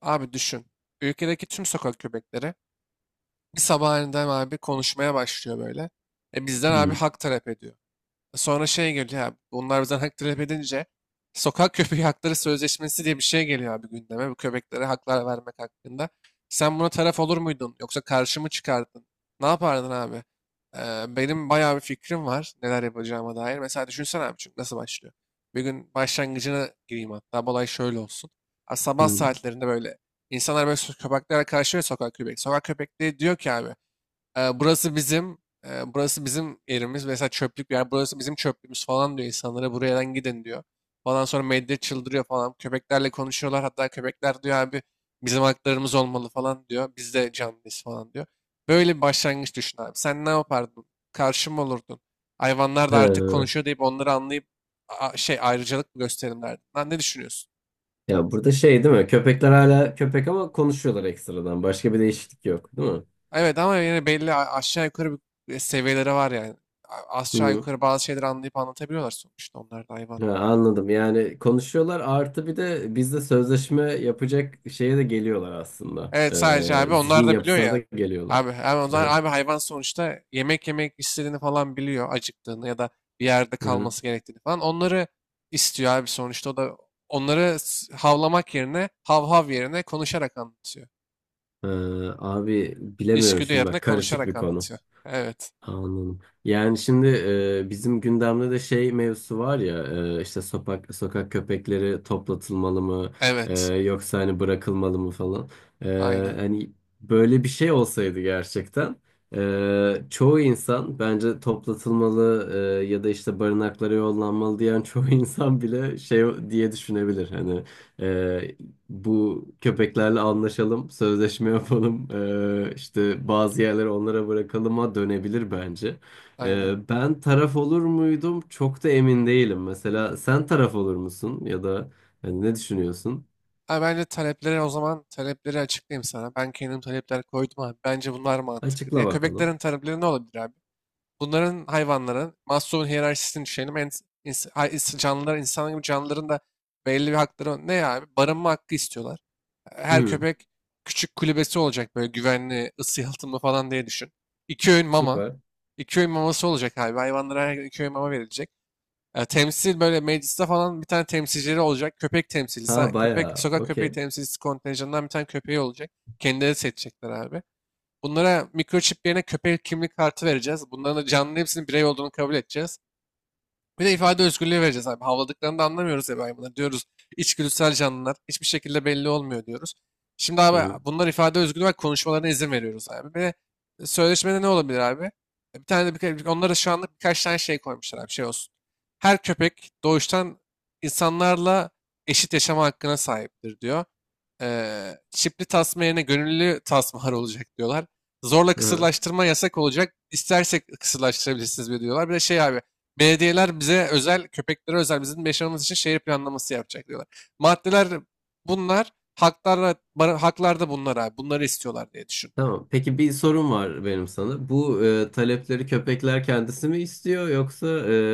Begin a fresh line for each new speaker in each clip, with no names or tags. Abi düşün. Ülkedeki tüm sokak köpekleri bir sabah aniden abi konuşmaya başlıyor böyle. E bizden abi
Hmm,
hak talep ediyor. Sonra şey geliyor abi. Bunlar bizden hak talep edince sokak köpeği hakları sözleşmesi diye bir şey geliyor abi gündeme. Bu köpeklere haklar vermek hakkında. Sen buna taraf olur muydun? Yoksa karşı mı çıkardın? Ne yapardın abi? Benim bayağı bir fikrim var neler yapacağıma dair. Mesela düşünsene abi, çünkü nasıl başlıyor? Bir gün başlangıcına gireyim hatta. Bu olay şöyle olsun. Ha, Sabah
hmm.
saatlerinde böyle insanlar böyle köpeklere karşı ve Sokak köpekleri diyor ki abi, burası bizim, burası bizim yerimiz. Mesela çöplük bir yer. Burası bizim çöplüğümüz falan diyor insanlara. Buradan gidin diyor. Falan sonra medya çıldırıyor falan. Köpeklerle konuşuyorlar. Hatta köpekler diyor abi bizim haklarımız olmalı falan diyor. Biz de canlıyız falan diyor. Böyle bir başlangıç düşün abi. Sen ne yapardın? Karşı mı olurdun? Hayvanlar da artık
He.
konuşuyor deyip onları anlayıp şey ayrıcalık mı gösterelim derdin? Lan ne düşünüyorsun?
Ya burada şey değil mi? Köpekler hala köpek ama konuşuyorlar ekstradan. Başka bir değişiklik yok, değil mi?
Evet, ama yine belli aşağı yukarı bir seviyeleri var yani. Aşağı
Hı.
yukarı bazı şeyleri anlayıp anlatabiliyorlar, sonuçta onlar da hayvan.
Ha, anladım. Yani konuşuyorlar artı bir de bizde sözleşme yapacak şeye de geliyorlar aslında.
Evet, sadece abi onlar
Zihin
da biliyor
yapısına da
ya.
geliyorlar.
Abi, abi
Hı
onlar
hı.
abi hayvan sonuçta, yemek yemek istediğini falan biliyor, acıktığını ya da bir yerde
Hı hı.
kalması gerektiğini falan. Onları istiyor abi sonuçta, o da onları havlamak yerine, hav hav yerine konuşarak anlatıyor.
Ee, Abi bilemiyorum
İçgüdü
şimdi
yerine
bak karışık
konuşarak
bir konu.
anlatıyor. Evet.
Anladım. Yani şimdi bizim gündemde de şey mevzusu var ya, işte sokak köpekleri toplatılmalı mı,
Evet.
yoksa hani bırakılmalı mı falan. E,
Aynen.
Hani böyle bir şey olsaydı gerçekten, çoğu insan bence toplatılmalı, ya da işte barınaklara yollanmalı diyen çoğu insan bile şey diye düşünebilir. Hani bu köpeklerle anlaşalım, sözleşme yapalım, işte bazı yerleri onlara bırakalıma dönebilir bence.
Aynen.
Ben taraf olur muydum? Çok da emin değilim. Mesela sen taraf olur musun ya da hani ne düşünüyorsun?
Ha, Bence talepleri, o zaman talepleri açıklayayım sana. Ben kendim talepler koydum abi. Bence bunlar mantıklı diye.
Açıkla bakalım.
Köpeklerin talepleri ne olabilir abi? Bunların, hayvanların Maslow'un hiyerarşisini düşünelim. En, ins- hay- ins- Canlılar, insan gibi canlıların da belli bir hakları var. Ne abi? Barınma hakkı istiyorlar. Her
Hı,
köpek küçük kulübesi olacak, böyle güvenli, ısı yalıtımlı falan diye düşün. İki öğün mama.
süper.
İki öğün maması olacak abi. Hayvanlara her gün iki öğün mama verilecek. Temsil, böyle mecliste falan bir tane temsilcileri olacak. Köpek temsilcisi,
Ha
köpek,
bayağı.
sokak köpeği
Okey.
temsilcisi kontenjanından bir tane köpeği olacak. Kendileri seçecekler abi. Bunlara mikroçip yerine köpek kimlik kartı vereceğiz. Bunların da canlı, hepsinin birey olduğunu kabul edeceğiz. Bir de ifade özgürlüğü vereceğiz abi. Havladıklarını da anlamıyoruz ya hayvanlar. Diyoruz içgüdüsel canlılar. Hiçbir şekilde belli olmuyor diyoruz. Şimdi
Hı,
abi bunlar ifade özgürlüğü var. Konuşmalarına izin veriyoruz abi. Ve sözleşmede ne olabilir abi? Bir tane de onlara şu anlık birkaç tane şey koymuşlar abi. Şey olsun. Her köpek doğuştan insanlarla eşit yaşama hakkına sahiptir diyor. Çipli tasma yerine gönüllü tasmalar olacak diyorlar. Zorla
hı.
kısırlaştırma yasak olacak. İstersek kısırlaştırabilirsiniz diyorlar. Bir de şey abi, belediyeler bize özel, köpeklere özel, bizim yaşamamız için şehir planlaması yapacak diyorlar. Maddeler bunlar, haklarla, haklar da bunlar abi. Bunları istiyorlar diye düşün. Yani
Tamam. Peki bir sorum var benim sana. Bu talepleri köpekler kendisi mi istiyor yoksa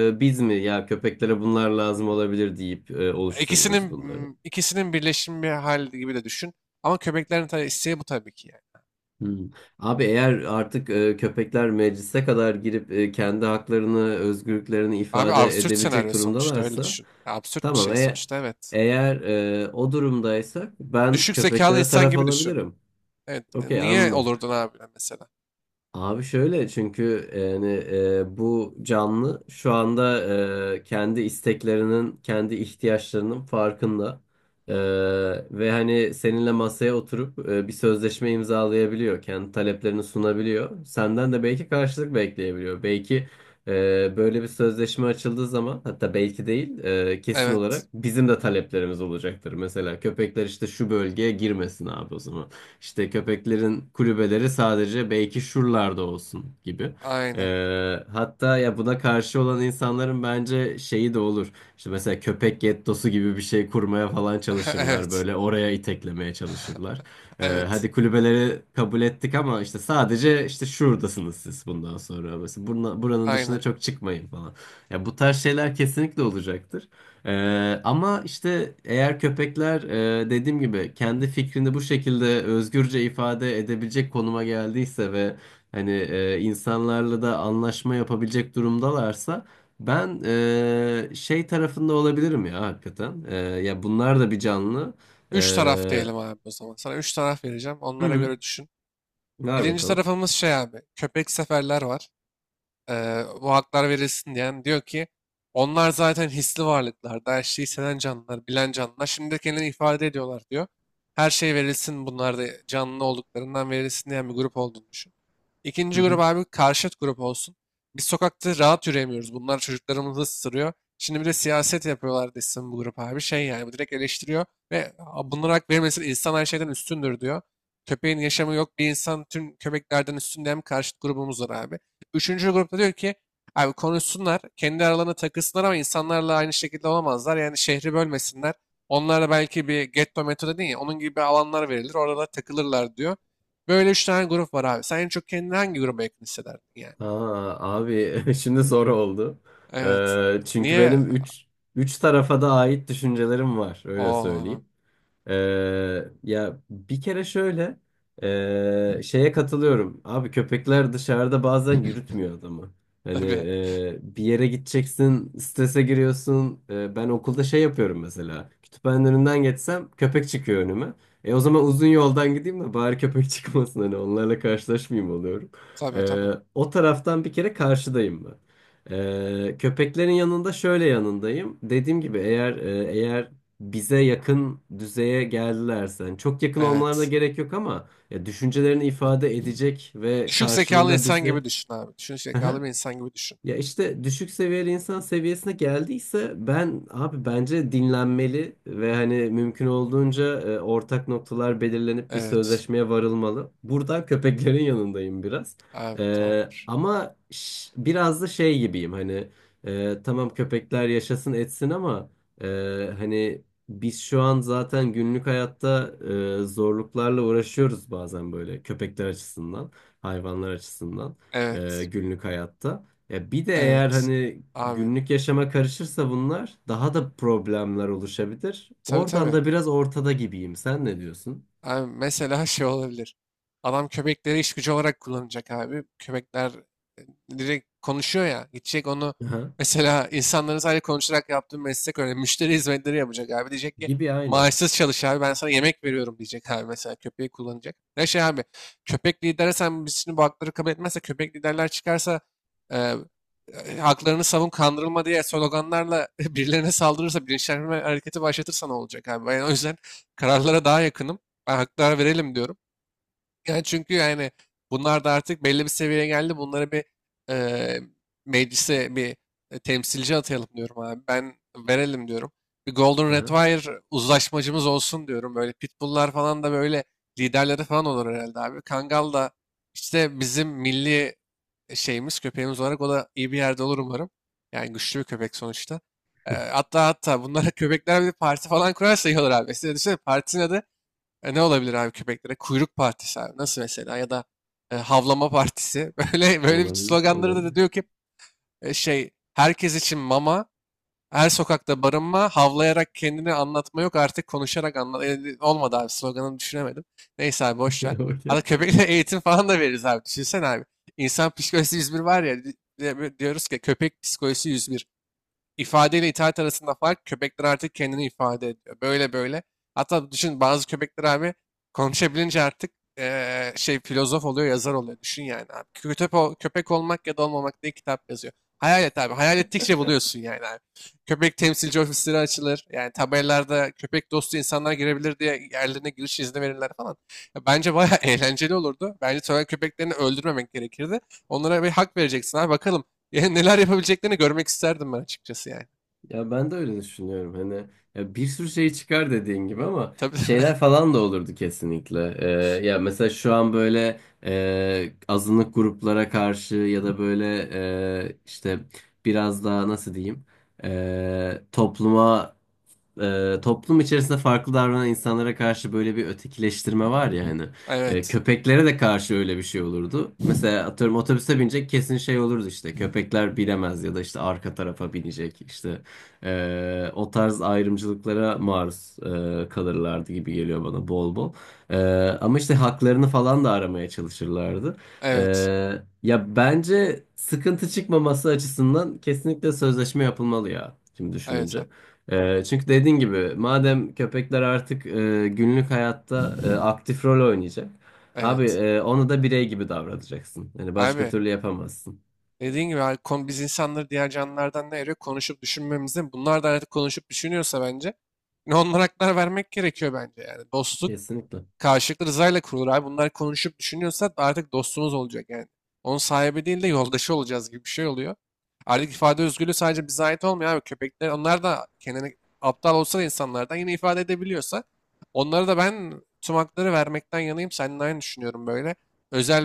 biz mi ya köpeklere bunlar lazım olabilir deyip oluşturuyoruz
İkisinin,
bunları?
ikisinin birleşimi bir hal gibi de düşün. Ama köpeklerin tabii isteği bu, tabii ki yani.
Hmm. Abi eğer artık köpekler meclise kadar girip kendi haklarını, özgürlüklerini
Abi
ifade
absürt
edebilecek
senaryo sonuçta, öyle
durumdalarsa
düşün. Ya absürt bir
tamam.
şey sonuçta, evet.
Eğer o durumdaysak ben
Düşük zekalı
köpeklere
insan
taraf
gibi düşün.
alabilirim.
Evet.
Okey
Niye
anladım.
olurdun abi mesela?
Abi şöyle çünkü yani bu canlı şu anda kendi isteklerinin, kendi ihtiyaçlarının farkında. E, Ve hani seninle masaya oturup bir sözleşme imzalayabiliyor. Kendi taleplerini sunabiliyor. Senden de belki karşılık bekleyebiliyor. Belki böyle bir sözleşme açıldığı zaman, hatta belki değil, kesin olarak
Evet.
bizim de taleplerimiz olacaktır. Mesela köpekler işte şu bölgeye girmesin abi o zaman. İşte köpeklerin kulübeleri sadece belki şuralarda olsun gibi.
Aynen.
Hatta ya buna karşı olan insanların bence şeyi de olur. İşte mesela köpek gettosu gibi bir şey kurmaya falan çalışırlar.
Evet.
Böyle oraya iteklemeye çalışırlar.
Evet.
Hadi kulübeleri kabul ettik ama işte sadece işte şuradasınız siz bundan sonra. Mesela buranın dışına
Aynen.
çok çıkmayın falan. Ya bu tarz şeyler kesinlikle olacaktır. Ama işte eğer köpekler dediğim gibi kendi fikrini bu şekilde özgürce ifade edebilecek konuma geldiyse ve hani insanlarla da anlaşma yapabilecek durumdalarsa ben, şey tarafında olabilirim ya hakikaten. Ya bunlar da bir canlı.
Üç taraf
E,
diyelim abi o zaman. Sana üç taraf vereceğim.
hı
Onlara
hı,
göre düşün.
ver
Birinci
bakalım.
tarafımız şey abi. Köpek seferler var. Bu haklar verilsin diyen diyor ki, onlar zaten hisli varlıklar. Daha her şeyi hisseden canlılar, bilen canlılar. Şimdi de kendilerini ifade ediyorlar diyor. Her şey verilsin, bunlar da canlı olduklarından verilsin diyen bir grup olduğunu düşün.
Hı
İkinci grup
hı.
abi karşıt grup olsun. Biz sokakta rahat yürüyemiyoruz. Bunlar çocuklarımızı ısırıyor. Şimdi bir de siyaset yapıyorlar desin bu grup abi. Şey yani, bu direkt eleştiriyor ve "Aa, bunlara hak verilmesin, insan her şeyden üstündür" diyor. Köpeğin yaşamı yok, bir insan tüm köpeklerden üstün diyen bir karşıt grubumuz var abi. Üçüncü grupta diyor ki abi, konuşsunlar, kendi aralarına takılsınlar ama insanlarla aynı şekilde olamazlar. Yani şehri bölmesinler. Onlara belki bir getto metodu değil ya, onun gibi alanlar verilir, orada takılırlar diyor. Böyle üç tane grup var abi. Sen en çok kendini hangi gruba yakın hissederdin yani?
Aa, abi şimdi zor oldu.
Evet.
Çünkü
Niye?
benim üç tarafa da ait düşüncelerim var, öyle
Oo, tamam.
söyleyeyim. Ya bir kere şöyle şeye katılıyorum. Abi köpekler dışarıda bazen yürütmüyor adamı. Hani
Tabii.
bir yere gideceksin, strese giriyorsun. Ben okulda şey yapıyorum mesela. Kütüphanenin önünden geçsem köpek çıkıyor önüme. E o zaman uzun yoldan gideyim de bari köpek çıkmasın, hani onlarla karşılaşmayayım oluyorum.
Tabii tabii.
O taraftan bir kere karşıdayım ben. Köpeklerin yanında şöyle yanındayım. Dediğim gibi eğer bize yakın düzeye geldilerse. Yani çok yakın olmalarına
Evet.
gerek yok ama ya düşüncelerini ifade edecek ve
Düşük zekalı
karşılığında
insan gibi
bizi
düşün abi. Düşük zekalı bir insan gibi düşün.
ya işte düşük seviyeli insan seviyesine geldiyse ben abi bence dinlenmeli ve hani mümkün olduğunca ortak noktalar belirlenip bir
Evet.
sözleşmeye varılmalı. Buradan köpeklerin yanındayım biraz.
Abi tamamdır.
Ama biraz da şey gibiyim hani, tamam köpekler yaşasın etsin ama e, hani biz şu an zaten günlük hayatta zorluklarla uğraşıyoruz bazen böyle köpekler açısından, hayvanlar açısından,
Evet.
günlük hayatta. Ya bir de eğer
Evet.
hani
Abi.
günlük yaşama karışırsa bunlar daha da problemler oluşabilir.
Tabii
Oradan
tabii.
da biraz ortada gibiyim. Sen ne diyorsun?
Abi mesela şey olabilir. Adam köpekleri iş gücü olarak kullanacak abi. Köpekler direkt konuşuyor ya. Gidecek onu
Aha.
mesela insanların sadece konuşarak yaptığı meslek öyle. Müşteri hizmetleri yapacak abi. Diyecek ki
Gibi aynen.
maaşsız çalış abi, ben sana yemek veriyorum diyecek abi, mesela köpeği kullanacak. Ne şey abi, köpek lideri, sen, biz şimdi bu hakları kabul etmezse, köpek liderler çıkarsa e, haklarını savun, kandırılma diye sloganlarla birilerine saldırırsa, bilinçlenme hareketi başlatırsa ne olacak abi? Ben o yüzden kararlara daha yakınım. Ben haklara verelim diyorum. Yani, çünkü yani bunlar da artık belli bir seviyeye geldi. Bunları bir eee, meclise bir temsilci atayalım diyorum abi. Ben verelim diyorum. Bir Golden
Aha.
Retriever uzlaşmacımız olsun diyorum. Böyle Pitbull'lar falan da böyle liderleri falan olur herhalde abi. Kangal da işte bizim milli şeyimiz, köpeğimiz olarak o da iyi bir yerde olur umarım. Yani güçlü bir köpek sonuçta. Hatta hatta bunlara köpekler bir parti falan kurarsa iyi olur abi. Size düşünsene partinin adı ne olabilir abi köpeklere? Kuyruk partisi abi. Nasıl mesela? Ya da havlama partisi. Böyle böyle bir
Olabilir,
sloganları da,
olabilir.
diyor ki şey, herkes için mama, her sokakta barınma, havlayarak kendini anlatma yok, artık konuşarak anlat. E, olmadı abi, sloganını düşünemedim. Neyse abi, boş ver. Arada
Okey.
köpeklere eğitim falan da veririz abi. Düşünsene abi. İnsan psikolojisi 101 var ya, diyoruz ki köpek psikolojisi 101. İfade ile itaat arasında fark, köpekler artık kendini ifade ediyor. Böyle böyle. Hatta düşün, bazı köpekler abi konuşabilince artık şey filozof oluyor, yazar oluyor. Düşün yani abi. Köpek olmak ya da olmamak diye kitap yazıyor. Hayal et abi. Hayal ettikçe buluyorsun yani abi. Köpek temsilci ofisleri açılır. Yani tabelalarda köpek dostu insanlar girebilir diye yerlerine giriş izni verirler falan. Ya bence bayağı eğlenceli olurdu. Bence sokak köpeklerini öldürmemek gerekirdi. Onlara bir hak vereceksin abi. Bakalım. Yani neler yapabileceklerini görmek isterdim ben açıkçası yani.
Ya ben de öyle düşünüyorum. Hani ya bir sürü şey çıkar dediğin gibi, ama
Tabii tabii.
şeyler falan da olurdu kesinlikle. Ya mesela şu an böyle azınlık gruplara karşı ya da böyle, işte biraz daha nasıl diyeyim? e, topluma Toplum içerisinde farklı davranan insanlara karşı böyle bir ötekileştirme var ya hani.
Evet.
Köpeklere de karşı öyle bir şey olurdu. Mesela atıyorum otobüse binecek kesin şey olurdu işte. Köpekler bilemez ya da işte arka tarafa binecek. İşte o tarz ayrımcılıklara maruz kalırlardı gibi geliyor bana bol bol. E, Ama işte haklarını falan da aramaya çalışırlardı. E,
Evet.
Ya bence sıkıntı çıkmaması açısından kesinlikle sözleşme yapılmalı ya. Şimdi
Evet.
düşününce. Çünkü dediğin gibi madem köpekler artık günlük hayatta aktif rol oynayacak. Abi
Evet.
onu da birey gibi davranacaksın. Yani başka
Abi,
türlü yapamazsın.
dediğin gibi abi, biz insanları diğer canlılardan ne ayırıyor? Konuşup düşünmemizde. Bunlar da artık konuşup düşünüyorsa bence. Ne, onlara haklar vermek gerekiyor bence yani. Dostluk
Kesinlikle.
karşılıklı rızayla kurulur abi. Bunlar konuşup düşünüyorsa artık dostumuz olacak yani. Onun sahibi değil de yoldaşı olacağız gibi bir şey oluyor. Artık ifade özgürlüğü sadece bize ait olmuyor abi. Köpekler, onlar da kendini, aptal olsa da insanlardan, yine ifade edebiliyorsa onlara da ben tüm hakları vermekten yanayım. Seninle aynı düşünüyorum böyle.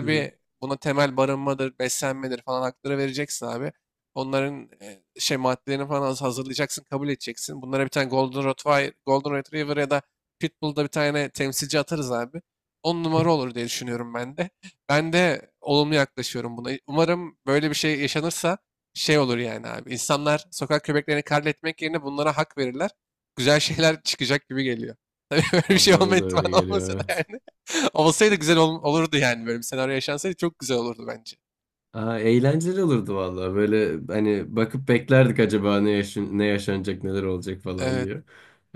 Hı hı.
bir, buna temel, barınmadır, beslenmedir falan hakları vereceksin abi. Onların şey maddelerini falan hazırlayacaksın, kabul edeceksin. Bunlara bir tane Golden Retriever, Golden Retriever ya da Pitbull'da bir tane temsilci atarız abi. On numara olur diye düşünüyorum ben de. Ben de olumlu yaklaşıyorum buna. Umarım böyle bir şey yaşanırsa şey olur yani abi. İnsanlar sokak köpeklerini katletmek yerine bunlara hak verirler. Güzel şeyler çıkacak gibi geliyor. Böyle bir
Abi
şey olma
bana da
ihtimali
öyle geliyor,
olmasa da
evet.
yani. Olurdu yani, böyle bir senaryo yaşansaydı çok güzel olurdu bence.
Aa, eğlenceli olurdu vallahi. Böyle hani bakıp beklerdik acaba ne yaşanacak, neler olacak falan
Evet,
diye.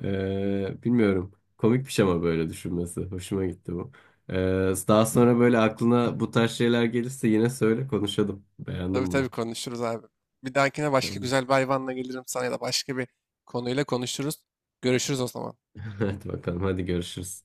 Bilmiyorum. Komikmiş ama böyle düşünmesi. Hoşuma gitti bu. Ee, Daha sonra böyle aklına bu tarz şeyler gelirse yine söyle, konuşalım.
tabii
Beğendim
tabii
bunu.
konuşuruz abi. Bir dahakine başka
Tamam.
güzel bir hayvanla gelirim sana ya da başka bir konuyla konuşuruz. Görüşürüz o zaman.
Hadi bakalım, hadi görüşürüz.